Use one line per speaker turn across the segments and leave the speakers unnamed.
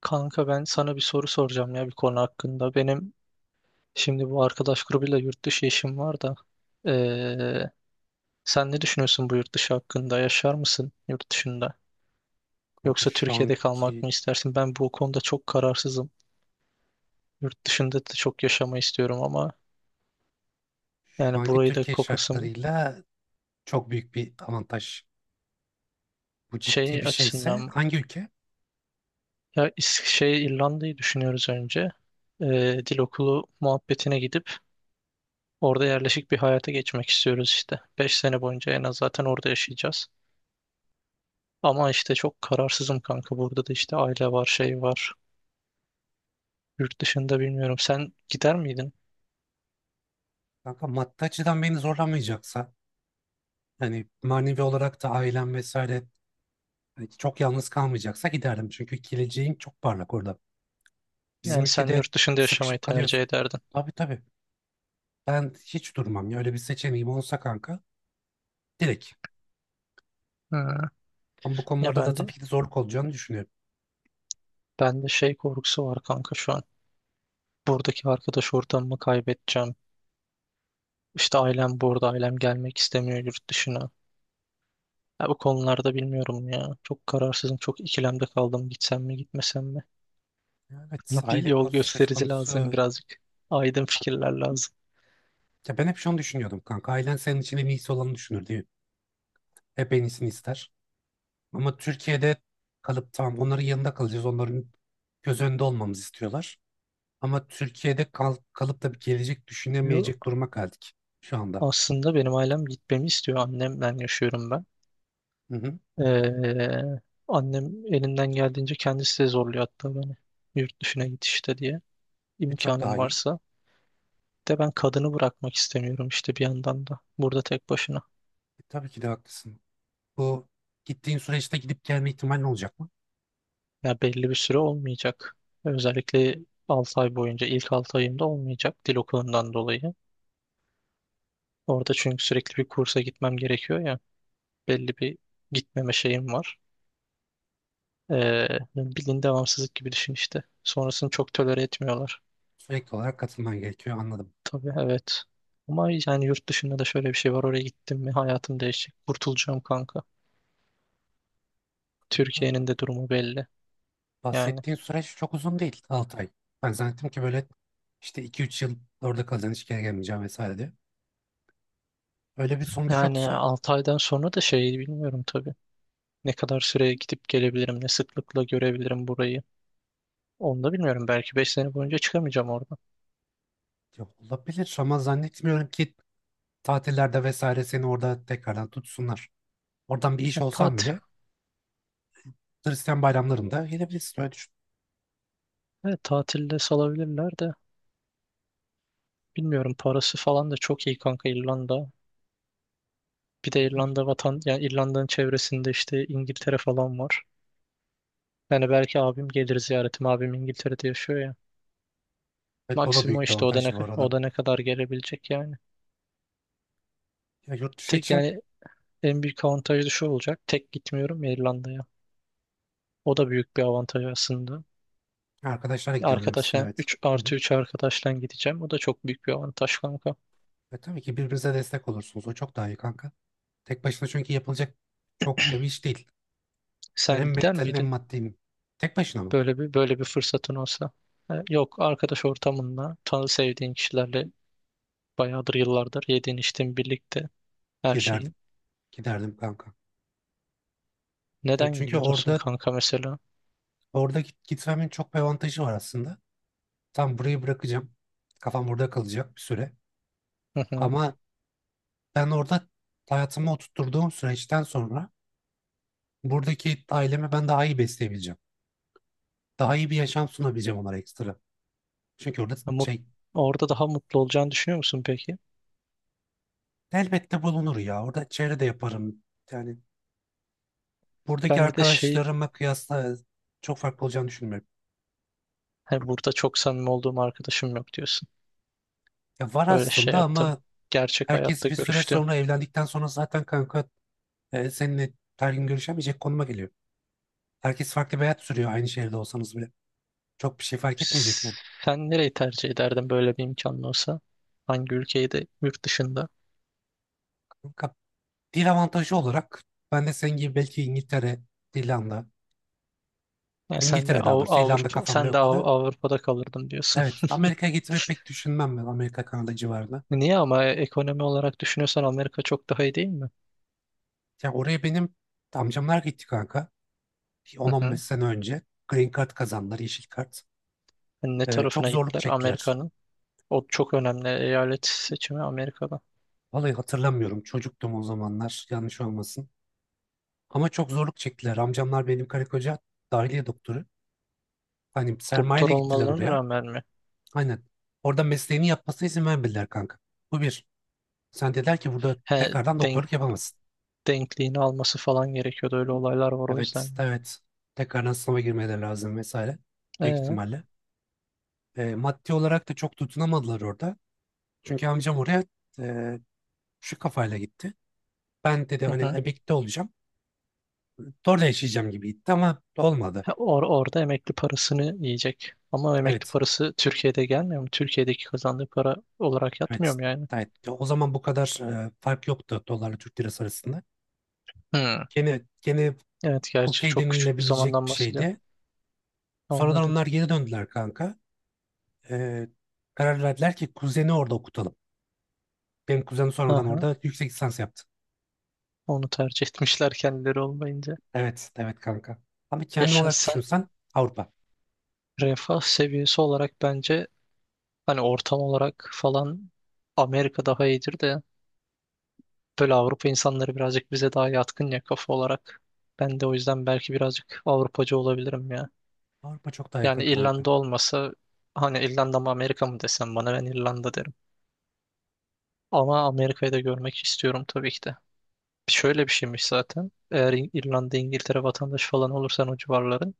Kanka ben sana bir soru soracağım ya bir konu hakkında. Benim şimdi bu arkadaş grubuyla yurt dışı işim var da. Ee, sen ne düşünüyorsun bu yurt dışı hakkında? Yaşar mısın yurt dışında?
Kanka
Yoksa
şu
Türkiye'de kalmak
anki
mı istersin? Ben bu konuda çok kararsızım. Yurt dışında da çok yaşamayı istiyorum ama
şu
yani
anki
burayı da
Türkiye
kopasım
şartlarıyla çok büyük bir avantaj. Bu ciddi
şey
bir
açısından
şeyse
mı?
hangi ülke?
Ya İrlanda'yı düşünüyoruz önce. Dil okulu muhabbetine gidip orada yerleşik bir hayata geçmek istiyoruz işte. Beş sene boyunca en az zaten orada yaşayacağız. Ama işte çok kararsızım kanka. Burada da işte aile var, şey var. Yurt dışında bilmiyorum. Sen gider miydin?
Kanka maddi açıdan beni zorlamayacaksa yani manevi olarak da ailem vesaire hani çok yalnız kalmayacaksa giderdim. Çünkü geleceğin çok parlak orada. Bizim
Yani sen
ülkede
yurt dışında yaşamayı
sıkışıp kalıyorsun.
tercih ederdin.
Tabii, tabii. Ben hiç durmam ya. Öyle bir seçeneğim olsa kanka, direkt.
Ha.
Ama bu
Ya
konularda da
ben de
tabii ki de zorluk olacağını düşünüyorum.
ben de şey korkusu var kanka şu an. Buradaki arkadaş ortamımı kaybedeceğim. İşte ailem burada, ailem gelmek istemiyor yurt dışına. Ya bu konularda bilmiyorum ya. Çok kararsızım, çok ikilemde kaldım. Gitsem mi, gitmesem mi?
Evet,
Bana bir
aile
yol
konusu söz
gösterici lazım
konusu.
birazcık. Aydın fikirler lazım.
Ya ben hep şunu düşünüyordum kanka. Ailen senin için en iyisi olanı düşünür diye. Hep en iyisini ister. Ama Türkiye'de kalıp tamam onların yanında kalacağız. Onların göz önünde olmamızı istiyorlar. Ama Türkiye'de kalıp da bir gelecek
Yo,
düşünemeyecek duruma geldik şu anda.
aslında benim ailem gitmemi istiyor. Annemle yaşıyorum ben.
Hı hı.
Ee, Annem elinden geldiğince kendisi de zorluyor hatta beni. Yurt dışına git işte diye.
E, çok
İmkanım
daha iyi.
varsa. De ben kadını bırakmak istemiyorum işte bir yandan da. Burada tek başına.
E, tabii ki de haklısın. Bu gittiğin süreçte gidip gelme ihtimalin olacak mı?
Ya belli bir süre olmayacak. Özellikle 6 ay boyunca ilk 6 ayımda olmayacak dil okulundan dolayı. Orada çünkü sürekli bir kursa gitmem gerekiyor ya. Belli bir gitmeme şeyim var. Ee, Bildiğin devamsızlık gibi düşün işte. Sonrasını çok tolere etmiyorlar.
Sürekli olarak katılman gerekiyor, anladım.
Tabii evet. Ama yani yurt dışında da şöyle bir şey var. Oraya gittim mi hayatım değişecek. Kurtulacağım kanka.
Kanka,
Türkiye'nin de durumu belli. Yani
bahsettiğin süreç çok uzun değil. 6 ay. Ben zannettim ki böyle işte 2 3 yıl orada kalacaksın, hiç geri gelmeyeceğim vesaire diye. Öyle bir sonuç
yani
yoksa
6 aydan sonra da şeyi bilmiyorum tabii. Ne kadar süreye gidip gelebilirim, ne sıklıkla görebilirim burayı. Onu da bilmiyorum. Belki 5 sene boyunca çıkamayacağım oradan.
ya, olabilir ama zannetmiyorum ki tatillerde vesaire seni orada tekrardan tutsunlar. Oradan bir iş
E,
olsan
tatil.
bile Hristiyan bayramlarında gelebilirsin. Öyle düşün.
Evet, tatilde salabilirler de bilmiyorum. Parası falan da çok iyi kanka İrlanda. Bir de İrlanda vatan yani İrlanda'nın çevresinde işte İngiltere falan var. Yani belki abim gelir ziyaretim. Abim İngiltere'de yaşıyor.
Evet, bu da
Maksimum
büyük bir
işte
avantaj bu
o
arada.
da ne kadar gelebilecek yani.
Ya yurt dışı
Tek
için
yani en büyük avantajı da şu olacak. Tek gitmiyorum ya İrlanda'ya. O da büyük bir avantaj aslında.
arkadaşlara gidiyorum demişsin,
Arkadaşa
evet.
3
Hı
artı
hı.
3 arkadaşla gideceğim. O da çok büyük bir avantaj kanka.
E, tabii ki birbirinize destek olursunuz. O çok daha iyi kanka. Tek başına çünkü yapılacak çok da bir iş değil. Yani
Sen
hem
gider
mentalin hem
miydin?
maddin. Tek başına mı?
Böyle bir fırsatın olsa. E, yok arkadaş ortamında tanı sevdiğin kişilerle bayağıdır yıllardır yediğin içtiğin birlikte her şeyi.
Giderdim. Giderdim kanka. Ya
Neden
çünkü
gidiyorsun
orada
kanka mesela?
gitmemin çok bir avantajı var aslında. Tam burayı bırakacağım. Kafam burada kalacak bir süre.
Hı hı.
Ama ben orada hayatımı oturtturduğum süreçten sonra buradaki ailemi ben daha iyi besleyebileceğim. Daha iyi bir yaşam sunabileceğim onlara, ekstra. Çünkü orada
Mut-
şey
Orada daha mutlu olacağını düşünüyor musun peki?
elbette bulunur ya. Orada çevre de yaparım. Yani buradaki
Ben bir de şey
arkadaşlarıma kıyasla çok farklı olacağını düşünmüyorum.
hani burada çok samimi olduğum arkadaşım yok diyorsun.
Ya var
Öyle şey
aslında
yaptım.
ama
Gerçek hayatta
herkes bir süre
görüştüm.
sonra evlendikten sonra zaten kanka, seninle her gün görüşemeyecek konuma geliyor. Herkes farklı bir hayat sürüyor aynı şehirde olsanız bile. Çok bir şey fark etmeyecek yani.
Sen nereyi tercih ederdin böyle bir imkanın olsa? Hangi ülkeyi de yurt dışında?
Ka- Dil avantajı olarak ben de senin gibi belki İngiltere, İrlanda,
Yani
İngiltere, daha doğrusu İrlanda
Avrupa,
kafamda yoktu da.
Avrupa'da kalırdın diyorsun.
Evet, Amerika'ya gitmeyi pek düşünmem ben, Amerika Kanada civarına.
Niye ama ekonomi olarak düşünüyorsan Amerika çok daha iyi değil mi?
Ya oraya benim amcamlar gitti kanka.
Hı hı.
10-15 sene önce Green Card kazandılar, yeşil kart.
Hani ne
Çok
tarafına
zorluk
gittiler
çektiler.
Amerika'nın? O çok önemli eyalet seçimi Amerika'da.
Vallahi hatırlamıyorum, çocuktum o zamanlar, yanlış olmasın. Ama çok zorluk çektiler. Amcamlar benim, karı koca dahiliye doktoru. Hani
Doktor
sermayeyle gittiler
olmalarına
oraya.
rağmen mi?
Aynen. Orada mesleğini yapmasına izin vermediler kanka. Bu bir. Sen dediler ki, burada
He,
tekrardan
denk,
doktorluk yapamazsın.
denkliğini alması falan gerekiyordu. Öyle olaylar var o
Evet,
yüzden.
evet. Tekrardan sınava girmeleri lazım vesaire.
Ee,
Büyük
hı
ihtimalle. E, maddi olarak da çok tutunamadılar orada. Çünkü amcam oraya e, şu kafayla gitti. Ben dedi hani,
hı.
emekli olacağım. Orada yaşayacağım gibi gitti ama olmadı.
Ha, orada emekli parasını yiyecek. Ama emekli
Evet,
parası Türkiye'de gelmiyor mu? Türkiye'deki kazandığı para olarak yatmıyor
evet.
mu yani?
Evet. O zaman bu kadar fark yoktu dolarla Türk lirası arasında.
Hmm.
Gene
Evet gerçi
okey
çok küçük bir
denilebilecek
zamandan
bir
bahsediyor.
şeydi. Sonradan
Anladım.
onlar geri döndüler kanka. E, karar verdiler ki kuzeni orada okutalım. Benim kuzenim
Hı
sonradan
hı.
orada yüksek lisans yaptı.
Onu tercih etmişler kendileri olmayınca.
Evet, evet kanka. Ama
Ya
kendim olarak
şahsen
düşünsen Avrupa.
refah seviyesi olarak bence hani ortam olarak falan Amerika daha iyidir de böyle Avrupa insanları birazcık bize daha yatkın ya kafa olarak. Ben de o yüzden belki birazcık Avrupacı olabilirim ya.
Avrupa çok daha yakın
Yani
kanka.
İrlanda olmasa hani İrlanda mı Amerika mı desem bana ben İrlanda derim. Ama Amerika'yı da görmek istiyorum tabii ki de. Şöyle bir şeymiş zaten. Eğer İrlanda, İngiltere vatandaşı falan olursan o civarların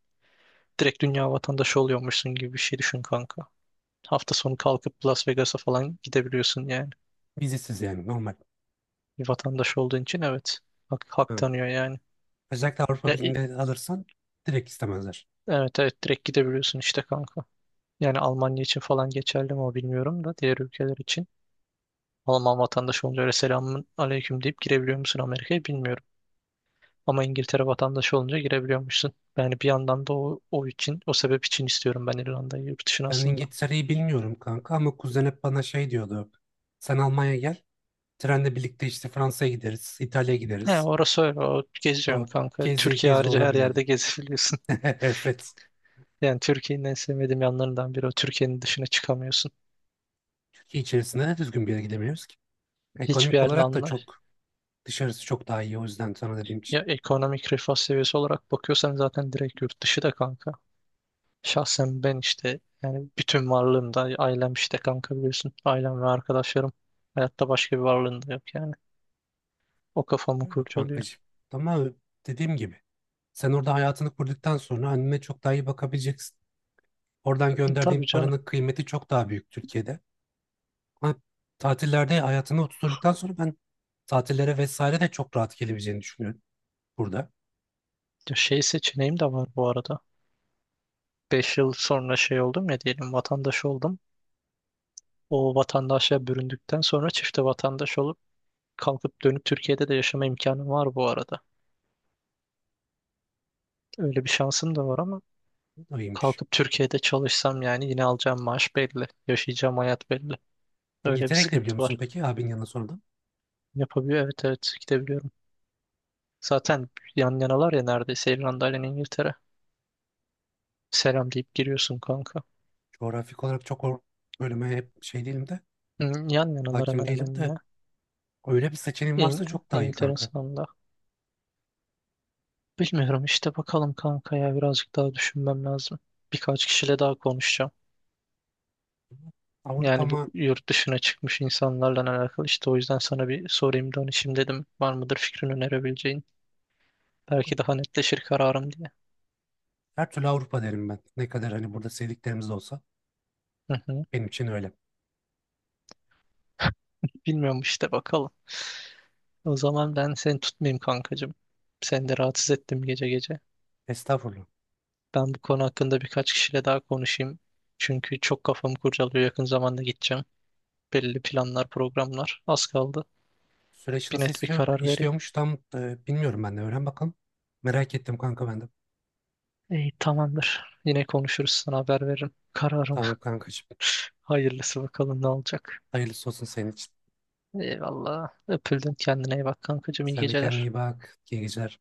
direkt dünya vatandaşı oluyormuşsun gibi bir şey düşün kanka. Hafta sonu kalkıp Las Vegas'a falan gidebiliyorsun yani.
Vizesiz yani, normal.
Bir vatandaş olduğun için evet. Hak
Ha.
tanıyor yani.
Özellikle Avrupa
Ya, i-
Birliği'nde alırsan direkt istemezler.
evet evet direkt gidebiliyorsun işte kanka. Yani Almanya için falan geçerli mi o bilmiyorum da diğer ülkeler için. Alman vatandaşı olunca öyle selamun aleyküm deyip girebiliyor musun Amerika'ya bilmiyorum. Ama İngiltere vatandaşı olunca girebiliyormuşsun. Yani bir yandan da o sebep için istiyorum ben İrlanda'yı yurt dışına
Ben
aslında.
İngiltere'yi bilmiyorum kanka ama kuzen hep bana şey diyordu. Sen Almanya'ya gel. Trenle birlikte işte Fransa'ya gideriz, İtalya'ya
He,
gideriz.
orası öyle. O, geziyorsun
O,
kanka.
gezi
Türkiye
gezi
harici her
olabiliyordu.
yerde gezebiliyorsun.
Evet.
Yani Türkiye'nin en sevmediğim yanlarından biri o. Türkiye'nin dışına çıkamıyorsun.
Türkiye içerisinde de düzgün bir yere gidemiyoruz ki.
Hiçbir
Ekonomik
yerle
olarak da
anla.
çok, dışarısı çok daha iyi o yüzden sana dediğim.
Ya ekonomik refah seviyesi olarak bakıyorsan zaten direkt yurt dışı da kanka. Şahsen ben işte yani bütün varlığımda ailem işte kanka biliyorsun. Ailem ve arkadaşlarım. Hayatta başka bir varlığım da yok yani. O kafamı
Öyle
kurcalıyor.
kankacığım. Ama dediğim gibi sen orada hayatını kurduktan sonra annene çok daha iyi bakabileceksin. Oradan
E,
gönderdiğin
tabii canım.
paranın kıymeti çok daha büyük Türkiye'de. Ama tatillerde hayatını oturduktan sonra ben, tatillere vesaire de çok rahat gelebileceğini düşünüyorum burada.
Ya şey seçeneğim de var bu arada. 5 yıl sonra şey oldum ya diyelim vatandaş oldum. O vatandaşa büründükten sonra çifte vatandaş olup kalkıp dönüp Türkiye'de de yaşama imkanım var bu arada. Öyle bir şansım da var ama
Bu da iyiymiş.
kalkıp Türkiye'de çalışsam yani yine alacağım maaş belli. Yaşayacağım hayat belli. Öyle bir
İngiltere'ye gidebiliyor
sıkıntı
musun
var.
peki abinin yanına sonradan?
Yapabiliyor evet evet gidebiliyorum. Zaten yan yanalar ya neredeyse İrlanda ile İngiltere. Selam deyip giriyorsun kanka.
Coğrafik olarak çok, bölüme hep şey değilim de
Hı, yan yanalar
hakim
hemen
değilim
hemen
de,
ya.
öyle bir seçeneğin varsa
İng
çok daha iyi
İngiltere'nin
kanka.
sınavında. Bilmiyorum işte bakalım kanka ya birazcık daha düşünmem lazım. Birkaç kişiyle daha konuşacağım.
Avrupa
Yani bu
mı?
yurt dışına çıkmış insanlarla alakalı işte o yüzden sana bir sorayım danışayım dedim. Var mıdır fikrini önerebileceğin? Belki daha netleşir kararım diye.
Her türlü Avrupa derim ben. Ne kadar hani burada sevdiklerimiz de olsa,
Hı hı.
benim için öyle.
Bilmiyorum işte bakalım. O zaman ben seni tutmayayım kankacığım. Seni de rahatsız ettim gece gece.
Estağfurullah.
Ben bu konu hakkında birkaç kişiyle daha konuşayım. Çünkü çok kafamı kurcalıyor. Yakın zamanda gideceğim. Belli planlar, programlar. Az kaldı.
Süreç
Bir
nasıl
net bir karar vereyim.
işliyormuş tam, bilmiyorum ben de. Öğren bakalım. Merak ettim kanka ben de.
İyi, tamamdır. Yine konuşuruz. Sana haber veririm. Kararımı.
Tamam kankacığım.
Hayırlısı bakalım ne olacak.
Hayırlısı olsun senin için.
Eyvallah. Öpüldün. Kendine iyi bak kankacığım. İyi
Sen de kendine
geceler.
iyi bak. İyi geceler.